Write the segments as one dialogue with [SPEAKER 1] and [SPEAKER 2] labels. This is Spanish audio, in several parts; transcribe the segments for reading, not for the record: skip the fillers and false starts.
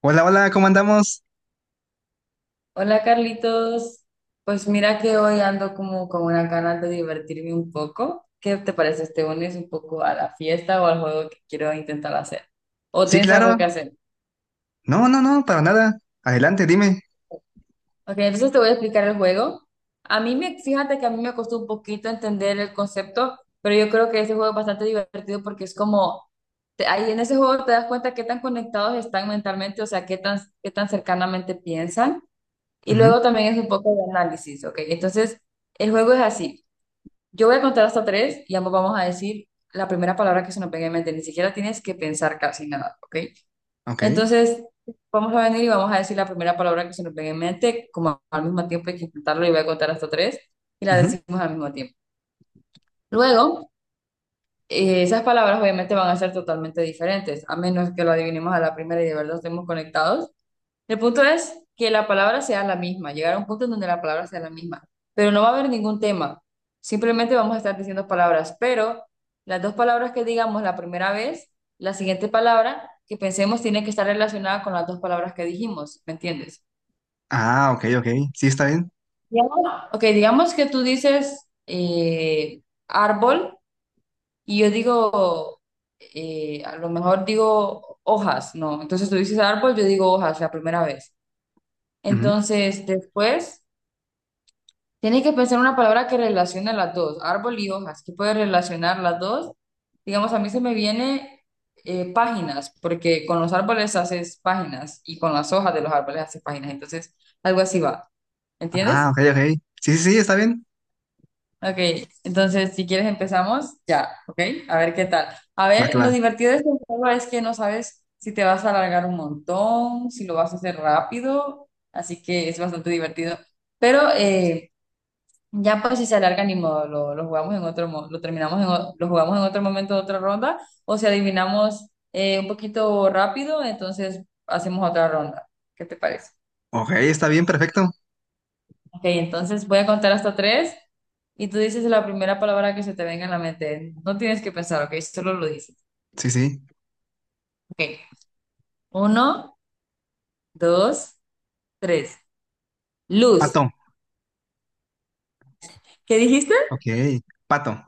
[SPEAKER 1] Hola, hola, ¿cómo andamos?
[SPEAKER 2] Hola Carlitos, pues mira que hoy ando como con una ganas de divertirme un poco. ¿Qué te parece? ¿Te unes un poco a la fiesta o al juego que quiero intentar hacer? ¿O
[SPEAKER 1] Sí,
[SPEAKER 2] tienes
[SPEAKER 1] claro.
[SPEAKER 2] algo que hacer?
[SPEAKER 1] No, no, no, para nada. Adelante, dime.
[SPEAKER 2] Ok, entonces te voy a explicar el juego. Fíjate que a mí me costó un poquito entender el concepto, pero yo creo que ese juego es bastante divertido porque es como, ahí en ese juego te das cuenta qué tan conectados están mentalmente, o sea, qué tan cercanamente piensan. Y
[SPEAKER 1] Ujú.
[SPEAKER 2] luego también es un poco de análisis, ok. Entonces, el juego es así. Yo voy a contar hasta tres y ambos vamos a decir la primera palabra que se nos venga en mente. Ni siquiera tienes que pensar casi nada, ¿ok?
[SPEAKER 1] Ok.
[SPEAKER 2] Entonces, vamos a venir y vamos a decir la primera palabra que se nos venga en mente, como al mismo tiempo hay que intentarlo y voy a contar hasta tres y la
[SPEAKER 1] Ujú.
[SPEAKER 2] decimos al mismo tiempo. Luego, esas palabras obviamente van a ser totalmente diferentes, a menos que lo adivinemos a la primera y de verdad estemos conectados. El punto es que la palabra sea la misma, llegar a un punto en donde la palabra sea la misma, pero no va a haber ningún tema, simplemente vamos a estar diciendo palabras, pero las dos palabras que digamos la primera vez, la siguiente palabra que pensemos tiene que estar relacionada con las dos palabras que dijimos, ¿me entiendes?
[SPEAKER 1] Ah, ok, ok. Sí, está bien.
[SPEAKER 2] Digamos- Ok, digamos que tú dices árbol y yo digo, a lo mejor digo hojas, ¿no? Entonces tú dices árbol, yo digo hojas la primera vez.
[SPEAKER 1] Ujú.
[SPEAKER 2] Entonces después... Tienes que pensar una palabra que relacione las dos, árbol y hojas, ¿qué puede relacionar las dos? Digamos, a mí se me viene páginas, porque con los árboles haces páginas y con las hojas de los árboles haces páginas. Entonces, algo así va. ¿Entiendes?
[SPEAKER 1] Ah, ok, ok. Sí, sí, sí, está bien.
[SPEAKER 2] Ok, entonces si quieres empezamos ya, ok, a ver qué tal. A
[SPEAKER 1] Va, que
[SPEAKER 2] ver,
[SPEAKER 1] va.
[SPEAKER 2] lo divertido de este juego es que no sabes si te vas a alargar un montón, si lo vas a hacer rápido, así que es bastante divertido. Pero ya pues si se alarga ni modo, lo jugamos en otro, lo terminamos en, lo jugamos en otro momento, de otra ronda, o si adivinamos un poquito rápido, entonces hacemos otra ronda. ¿Qué te parece?
[SPEAKER 1] Ok, está bien, perfecto.
[SPEAKER 2] Ok, entonces voy a contar hasta tres y tú dices la primera palabra que se te venga en la mente. No tienes que pensar, ok, solo lo dices.
[SPEAKER 1] Sí, sí.
[SPEAKER 2] Ok, uno, dos, tres. Luz.
[SPEAKER 1] Pato.
[SPEAKER 2] ¿Qué dijiste?
[SPEAKER 1] Ok. Pato.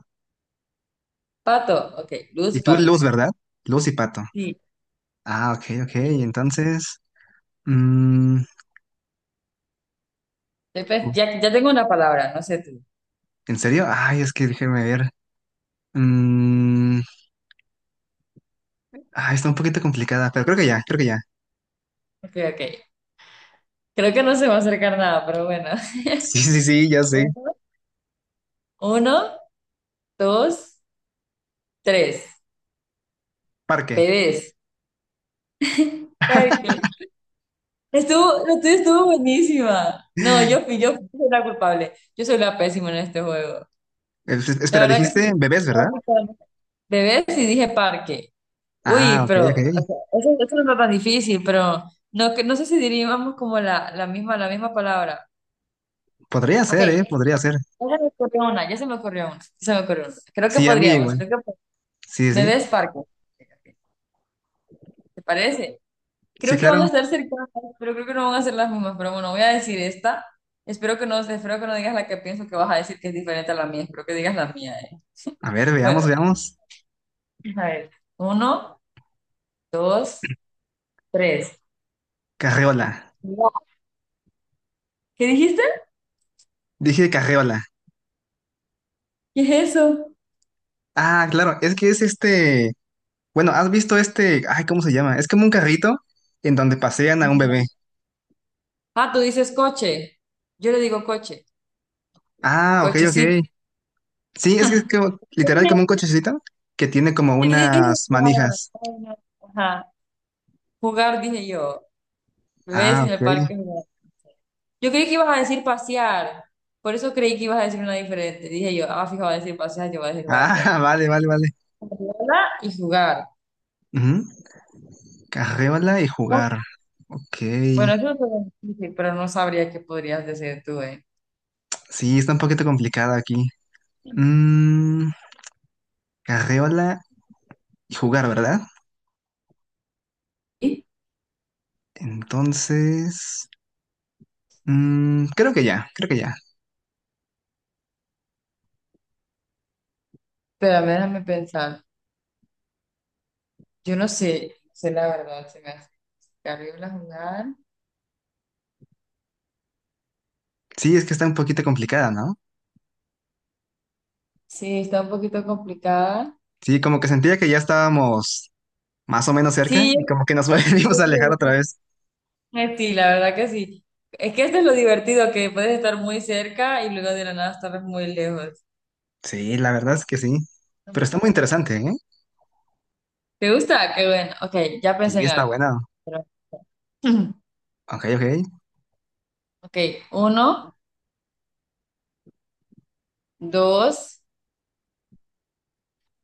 [SPEAKER 2] Pato. Ok, luz,
[SPEAKER 1] Y tú,
[SPEAKER 2] pato.
[SPEAKER 1] Luz, ¿verdad? Luz y Pato.
[SPEAKER 2] Sí.
[SPEAKER 1] Ah, ok, ok.
[SPEAKER 2] Eh,
[SPEAKER 1] Entonces, mm, uf,
[SPEAKER 2] Ya, ya tengo una palabra, no sé tú.
[SPEAKER 1] ¿en serio? Ay, es que déjeme ver. Mm, ay, está un poquito complicada, pero creo que ya.
[SPEAKER 2] Ok, ok. Creo que no se va a acercar nada, pero bueno.
[SPEAKER 1] Sí, sí, sí, ya sé.
[SPEAKER 2] Uno, uno, dos, tres.
[SPEAKER 1] Parque.
[SPEAKER 2] Pérez. Parque. Estuvo, la tuya estuvo buenísima. No, yo fui la culpable. Yo soy la pésima en este juego. La
[SPEAKER 1] Espera,
[SPEAKER 2] verdad que sí.
[SPEAKER 1] dijiste bebés, ¿verdad?
[SPEAKER 2] Básicamente. Bebés y dije parque.
[SPEAKER 1] Ah,
[SPEAKER 2] Uy,
[SPEAKER 1] ok,
[SPEAKER 2] pero
[SPEAKER 1] ok.
[SPEAKER 2] o sea, eso no está tan difícil, pero no, no sé si diríamos como la misma palabra.
[SPEAKER 1] Podría
[SPEAKER 2] Ok,
[SPEAKER 1] ser, ¿eh?
[SPEAKER 2] ya
[SPEAKER 1] Podría ser.
[SPEAKER 2] se me ocurrió una, ya se me ocurrió una, ya se me ocurrió una. Creo que
[SPEAKER 1] Sí, a mí
[SPEAKER 2] podríamos,
[SPEAKER 1] igual. Sí, sí.
[SPEAKER 2] bebés parque. ¿Te parece?
[SPEAKER 1] Sí,
[SPEAKER 2] Creo que van a
[SPEAKER 1] claro.
[SPEAKER 2] estar cercanas, pero creo que no van a ser las mismas. Pero bueno, voy a decir esta. Espero que no digas la que pienso que vas a decir que es diferente a la mía. Espero que digas la mía.
[SPEAKER 1] A ver, veamos,
[SPEAKER 2] Bueno,
[SPEAKER 1] veamos.
[SPEAKER 2] a ver. Uno, dos, tres.
[SPEAKER 1] Carreola.
[SPEAKER 2] No. ¿Qué dijiste?
[SPEAKER 1] Dije carreola.
[SPEAKER 2] ¿Qué es eso?
[SPEAKER 1] Ah, claro, es que es este... Bueno, ¿has visto este... Ay, ¿cómo se llama? Es como un carrito en donde pasean a un bebé.
[SPEAKER 2] Ajá. Ah, tú dices coche. Yo le digo coche.
[SPEAKER 1] Ah, ok, ok.
[SPEAKER 2] Cochecito.
[SPEAKER 1] Sí, es que es como, literal como un
[SPEAKER 2] Yo
[SPEAKER 1] cochecito que tiene como
[SPEAKER 2] dije,
[SPEAKER 1] unas
[SPEAKER 2] ah,
[SPEAKER 1] manijas.
[SPEAKER 2] bueno, ajá. Jugar, dije yo. ¿Ves?
[SPEAKER 1] Ah,
[SPEAKER 2] En
[SPEAKER 1] ok.
[SPEAKER 2] el parque. Jugar. Yo creí que ibas a decir pasear. Por eso creí que ibas a decir una diferente. Dije yo, ah, fijo, va a decir pasear, yo voy a decir jugar, pero.
[SPEAKER 1] Ah, vale, vale, vale.
[SPEAKER 2] Jugarla y jugar.
[SPEAKER 1] Ujú. Carreola y
[SPEAKER 2] ¿No?
[SPEAKER 1] jugar. Ok.
[SPEAKER 2] Bueno, eso es lo difícil, pero no sabría qué podrías decir tú, ¿eh?
[SPEAKER 1] Sí, está un poquito complicado aquí. Mm, carreola y jugar, ¿verdad?
[SPEAKER 2] Y-
[SPEAKER 1] Entonces, creo que ya.
[SPEAKER 2] Pero déjame pensar. Yo no sé, no sé la verdad, se me hace terrible jugar.
[SPEAKER 1] Sí, es que está un poquito complicada, ¿no?
[SPEAKER 2] Sí, está un poquito complicada.
[SPEAKER 1] Sí, como que sentía que ya estábamos más o menos cerca
[SPEAKER 2] Sí,
[SPEAKER 1] y como que nos volvimos a
[SPEAKER 2] yo
[SPEAKER 1] alejar
[SPEAKER 2] creo.
[SPEAKER 1] otra vez.
[SPEAKER 2] Sí, la verdad que sí. Es que esto es lo divertido, que puedes estar muy cerca y luego de la nada estar muy lejos.
[SPEAKER 1] Sí, la verdad es que sí. Pero está muy interesante, ¿eh?
[SPEAKER 2] ¿Te gusta? Qué bueno. Ok, ya pensé
[SPEAKER 1] Sí,
[SPEAKER 2] en
[SPEAKER 1] está
[SPEAKER 2] algo.
[SPEAKER 1] buena.
[SPEAKER 2] Pero-
[SPEAKER 1] Ok, ok.
[SPEAKER 2] Ok, uno, dos,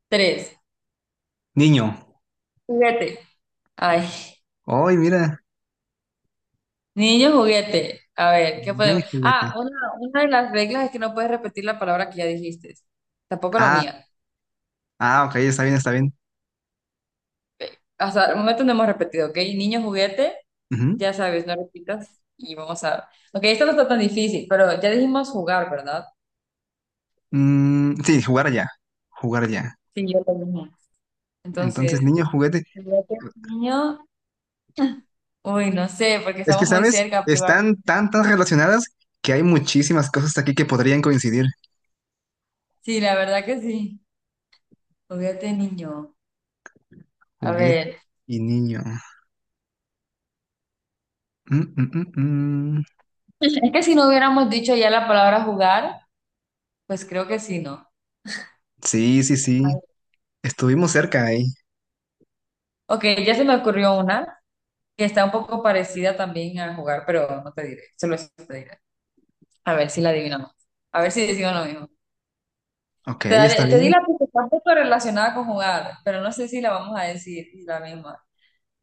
[SPEAKER 2] tres.
[SPEAKER 1] Niño.
[SPEAKER 2] Juguete. Ay,
[SPEAKER 1] Ay, mira.
[SPEAKER 2] niño juguete. A ver, ¿qué
[SPEAKER 1] Niño y
[SPEAKER 2] podemos?
[SPEAKER 1] juguete.
[SPEAKER 2] Una de las reglas es que no puedes repetir la palabra que ya dijiste. Tampoco la
[SPEAKER 1] Ah,
[SPEAKER 2] mía.
[SPEAKER 1] ah, ok, está bien, está bien.
[SPEAKER 2] Hasta el momento no hemos repetido, ¿ok? Niño juguete,
[SPEAKER 1] Ujú.
[SPEAKER 2] ya sabes, no repitas y vamos a... Ok, esto no está tan difícil, pero ya dijimos jugar, ¿verdad?
[SPEAKER 1] Sí, jugar ya. Jugar ya.
[SPEAKER 2] Sí, yo lo mismo.
[SPEAKER 1] Entonces,
[SPEAKER 2] Entonces,
[SPEAKER 1] niño juguete.
[SPEAKER 2] ¿juguete de niño? Uy, no sé, porque
[SPEAKER 1] Es que,
[SPEAKER 2] estamos muy
[SPEAKER 1] ¿sabes?
[SPEAKER 2] cerca, pero...
[SPEAKER 1] Están tan relacionadas que hay muchísimas cosas aquí que podrían coincidir.
[SPEAKER 2] Sí, la verdad que sí. Juguete de niño. A
[SPEAKER 1] Juguete
[SPEAKER 2] ver,
[SPEAKER 1] y niño. Mm, mm, mm, mm.
[SPEAKER 2] es que si no hubiéramos dicho ya la palabra jugar, pues creo que sí, ¿no?
[SPEAKER 1] Sí, sí, sí.
[SPEAKER 2] Ay.
[SPEAKER 1] Estuvimos cerca ahí.
[SPEAKER 2] Ok, ya se me ocurrió una que está un poco parecida también a jugar, pero no te diré, solo eso te diré. A ver si la adivinamos. A ver si decimos lo mismo.
[SPEAKER 1] Ok, está
[SPEAKER 2] Te di
[SPEAKER 1] bien.
[SPEAKER 2] la pista, está un poco relacionada con jugar, pero no sé si la vamos a decir la misma.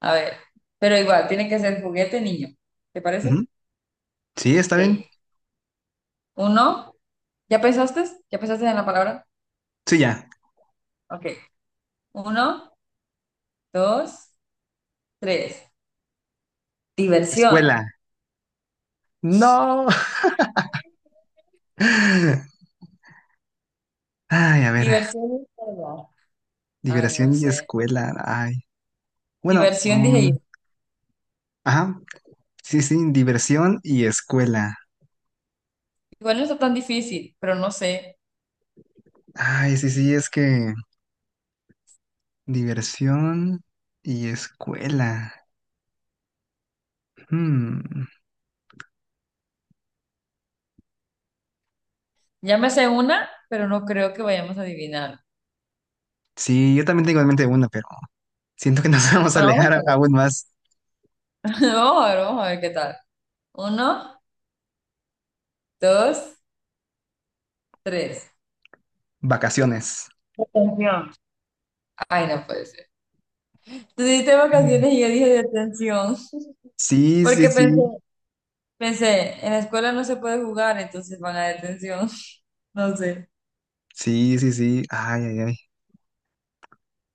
[SPEAKER 2] A ver, pero igual, tiene que ser juguete niño. ¿Te
[SPEAKER 1] Ujú.
[SPEAKER 2] parece?
[SPEAKER 1] Sí, está bien.
[SPEAKER 2] Ok. Uno, ¿ya pensaste? ¿Ya pensaste en la palabra?
[SPEAKER 1] Sí, ya.
[SPEAKER 2] Ok. Uno, dos, tres. Diversión.
[SPEAKER 1] Escuela. No. Ay, a ver.
[SPEAKER 2] Diversión es verdad. Ay, no
[SPEAKER 1] Diversión y
[SPEAKER 2] sé.
[SPEAKER 1] escuela. Ay. Bueno,
[SPEAKER 2] Diversión, dije yo.
[SPEAKER 1] ajá. Sí, sí, diversión y escuela.
[SPEAKER 2] Igual no está tan difícil, pero no sé.
[SPEAKER 1] Ay, sí, sí, es que diversión y escuela. Hmm.
[SPEAKER 2] Ya me sé una, pero no creo que vayamos a adivinar.
[SPEAKER 1] Sí, yo también tengo en mente una, pero siento que nos vamos a
[SPEAKER 2] Bueno, vamos a
[SPEAKER 1] alejar
[SPEAKER 2] ver.
[SPEAKER 1] aún más.
[SPEAKER 2] Vamos a ver qué tal. Uno, dos, tres.
[SPEAKER 1] Vacaciones.
[SPEAKER 2] Detención. Ay, no puede ser. Tú dijiste vacaciones y yo dije detención,
[SPEAKER 1] Sí, sí,
[SPEAKER 2] porque
[SPEAKER 1] sí.
[SPEAKER 2] pensé, en la escuela no se puede jugar, entonces van a detención. No sé.
[SPEAKER 1] Sí, sí, sí. Ay, ay, ay.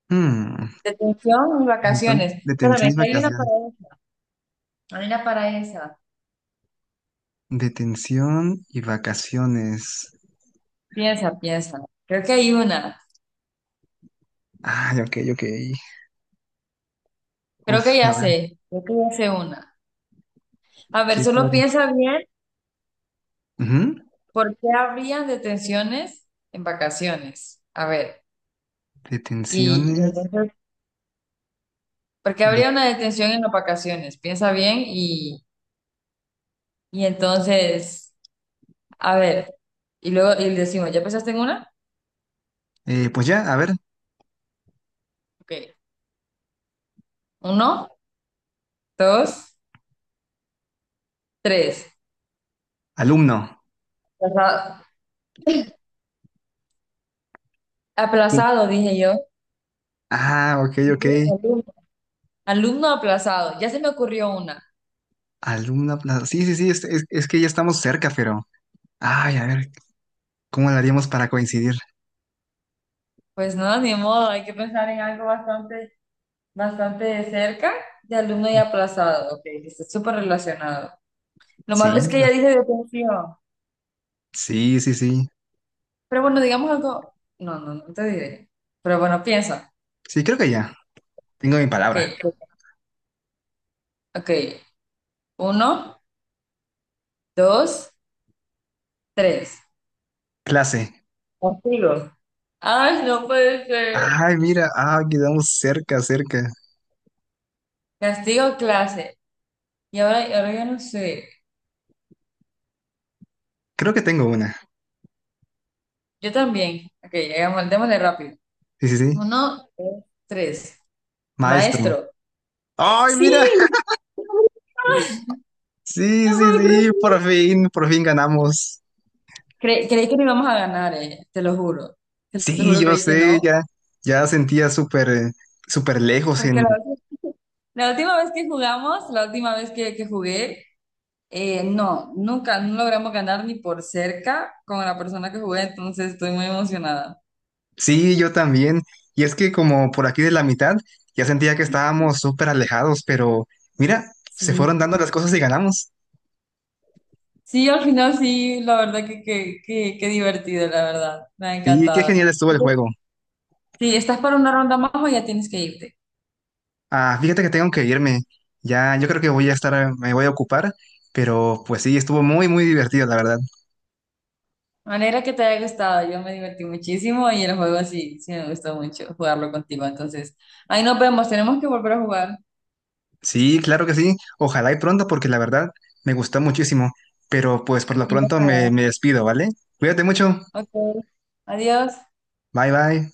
[SPEAKER 1] Hmm.
[SPEAKER 2] Detención y
[SPEAKER 1] Entonces,
[SPEAKER 2] vacaciones.
[SPEAKER 1] detención y
[SPEAKER 2] Espérame, que hay una
[SPEAKER 1] vacaciones.
[SPEAKER 2] para esa. Hay una para esa.
[SPEAKER 1] Detención y vacaciones.
[SPEAKER 2] Piensa. Creo que hay una.
[SPEAKER 1] Ay, ok, ok.
[SPEAKER 2] Creo
[SPEAKER 1] Uf,
[SPEAKER 2] que ya
[SPEAKER 1] a ver,
[SPEAKER 2] sé. Creo que ya sé una. A ver,
[SPEAKER 1] ¿qué
[SPEAKER 2] solo
[SPEAKER 1] puede?
[SPEAKER 2] piensa bien
[SPEAKER 1] Ujú.
[SPEAKER 2] por qué habrían detenciones en vacaciones. A ver, y
[SPEAKER 1] Detenciones.
[SPEAKER 2] entonces, ¿por qué
[SPEAKER 1] de-
[SPEAKER 2] habría una detención en las vacaciones? Piensa bien y entonces, a ver, y luego y decimos, ¿ya pensaste en una?
[SPEAKER 1] pues ya, a ver,
[SPEAKER 2] Ok. Uno, dos, tres.
[SPEAKER 1] alumno.
[SPEAKER 2] Aplaza-
[SPEAKER 1] Sí.
[SPEAKER 2] Aplazado, dije yo.
[SPEAKER 1] Ah, ok,
[SPEAKER 2] ¿Y
[SPEAKER 1] ok.
[SPEAKER 2] tú? Alumno. Alumno aplazado. Ya se me ocurrió una.
[SPEAKER 1] Alguna plaza. Sí, sí, es que ya estamos cerca, pero. Ay, a ver, ¿cómo lo haríamos para coincidir?
[SPEAKER 2] Pues no, ni modo, hay que pensar en algo bastante, bastante de cerca de alumno y aplazado. Ok, está súper relacionado. Lo malo
[SPEAKER 1] Sí,
[SPEAKER 2] es que ella dice detención.
[SPEAKER 1] sí, sí, sí.
[SPEAKER 2] Pero bueno, digamos algo. No te diré. Pero bueno, piensa.
[SPEAKER 1] Sí, creo que ya. Tengo mi
[SPEAKER 2] Ok,
[SPEAKER 1] palabra.
[SPEAKER 2] ok. Uno, dos, tres.
[SPEAKER 1] Clase.
[SPEAKER 2] Castigo. Ay, no puede ser.
[SPEAKER 1] Ay, mira, ah, quedamos cerca, cerca.
[SPEAKER 2] Castigo clase. Y ahora ya no sé.
[SPEAKER 1] Creo que tengo una.
[SPEAKER 2] Yo también. Ok, llegamos, démosle rápido.
[SPEAKER 1] Sí, sí, sí.
[SPEAKER 2] Uno, dos, tres.
[SPEAKER 1] Maestro.
[SPEAKER 2] Maestro.
[SPEAKER 1] Ay, mira.
[SPEAKER 2] Sí.
[SPEAKER 1] Sí,
[SPEAKER 2] No
[SPEAKER 1] sí,
[SPEAKER 2] puedo creer.
[SPEAKER 1] sí, por fin ganamos.
[SPEAKER 2] Creí que no íbamos a ganar, te lo juro. Te lo
[SPEAKER 1] Sí,
[SPEAKER 2] juro,
[SPEAKER 1] yo
[SPEAKER 2] creí que
[SPEAKER 1] sé,
[SPEAKER 2] no.
[SPEAKER 1] ya, ya sentía súper lejos
[SPEAKER 2] Porque
[SPEAKER 1] en.
[SPEAKER 2] la última vez que jugamos, la última vez que jugué, no, nunca, no logramos ganar ni por cerca con la persona que jugué, entonces estoy muy emocionada.
[SPEAKER 1] Sí, yo también. Y es que como por aquí de la mitad, ya sentía que estábamos súper alejados, pero mira, se
[SPEAKER 2] Sí.
[SPEAKER 1] fueron dando las cosas y ganamos.
[SPEAKER 2] Sí, al final sí, la verdad que divertido, la verdad. Me ha
[SPEAKER 1] Sí, qué genial
[SPEAKER 2] encantado.
[SPEAKER 1] estuvo el juego.
[SPEAKER 2] Sí, ¿estás para una ronda más o ya tienes que irte?
[SPEAKER 1] Ah, fíjate que tengo que irme. Ya, yo creo que me voy a ocupar, pero pues sí, estuvo muy, muy divertido, la verdad.
[SPEAKER 2] Manera que te haya gustado, yo me divertí muchísimo y el juego sí me gustó mucho jugarlo contigo. Entonces, ahí nos vemos, tenemos que volver a jugar.
[SPEAKER 1] Sí, claro que sí. Ojalá y pronto, porque la verdad me gustó muchísimo. Pero pues por lo
[SPEAKER 2] Sí,
[SPEAKER 1] pronto
[SPEAKER 2] ojalá.
[SPEAKER 1] me despido, ¿vale? Cuídate mucho.
[SPEAKER 2] Ok, adiós.
[SPEAKER 1] Bye, bye.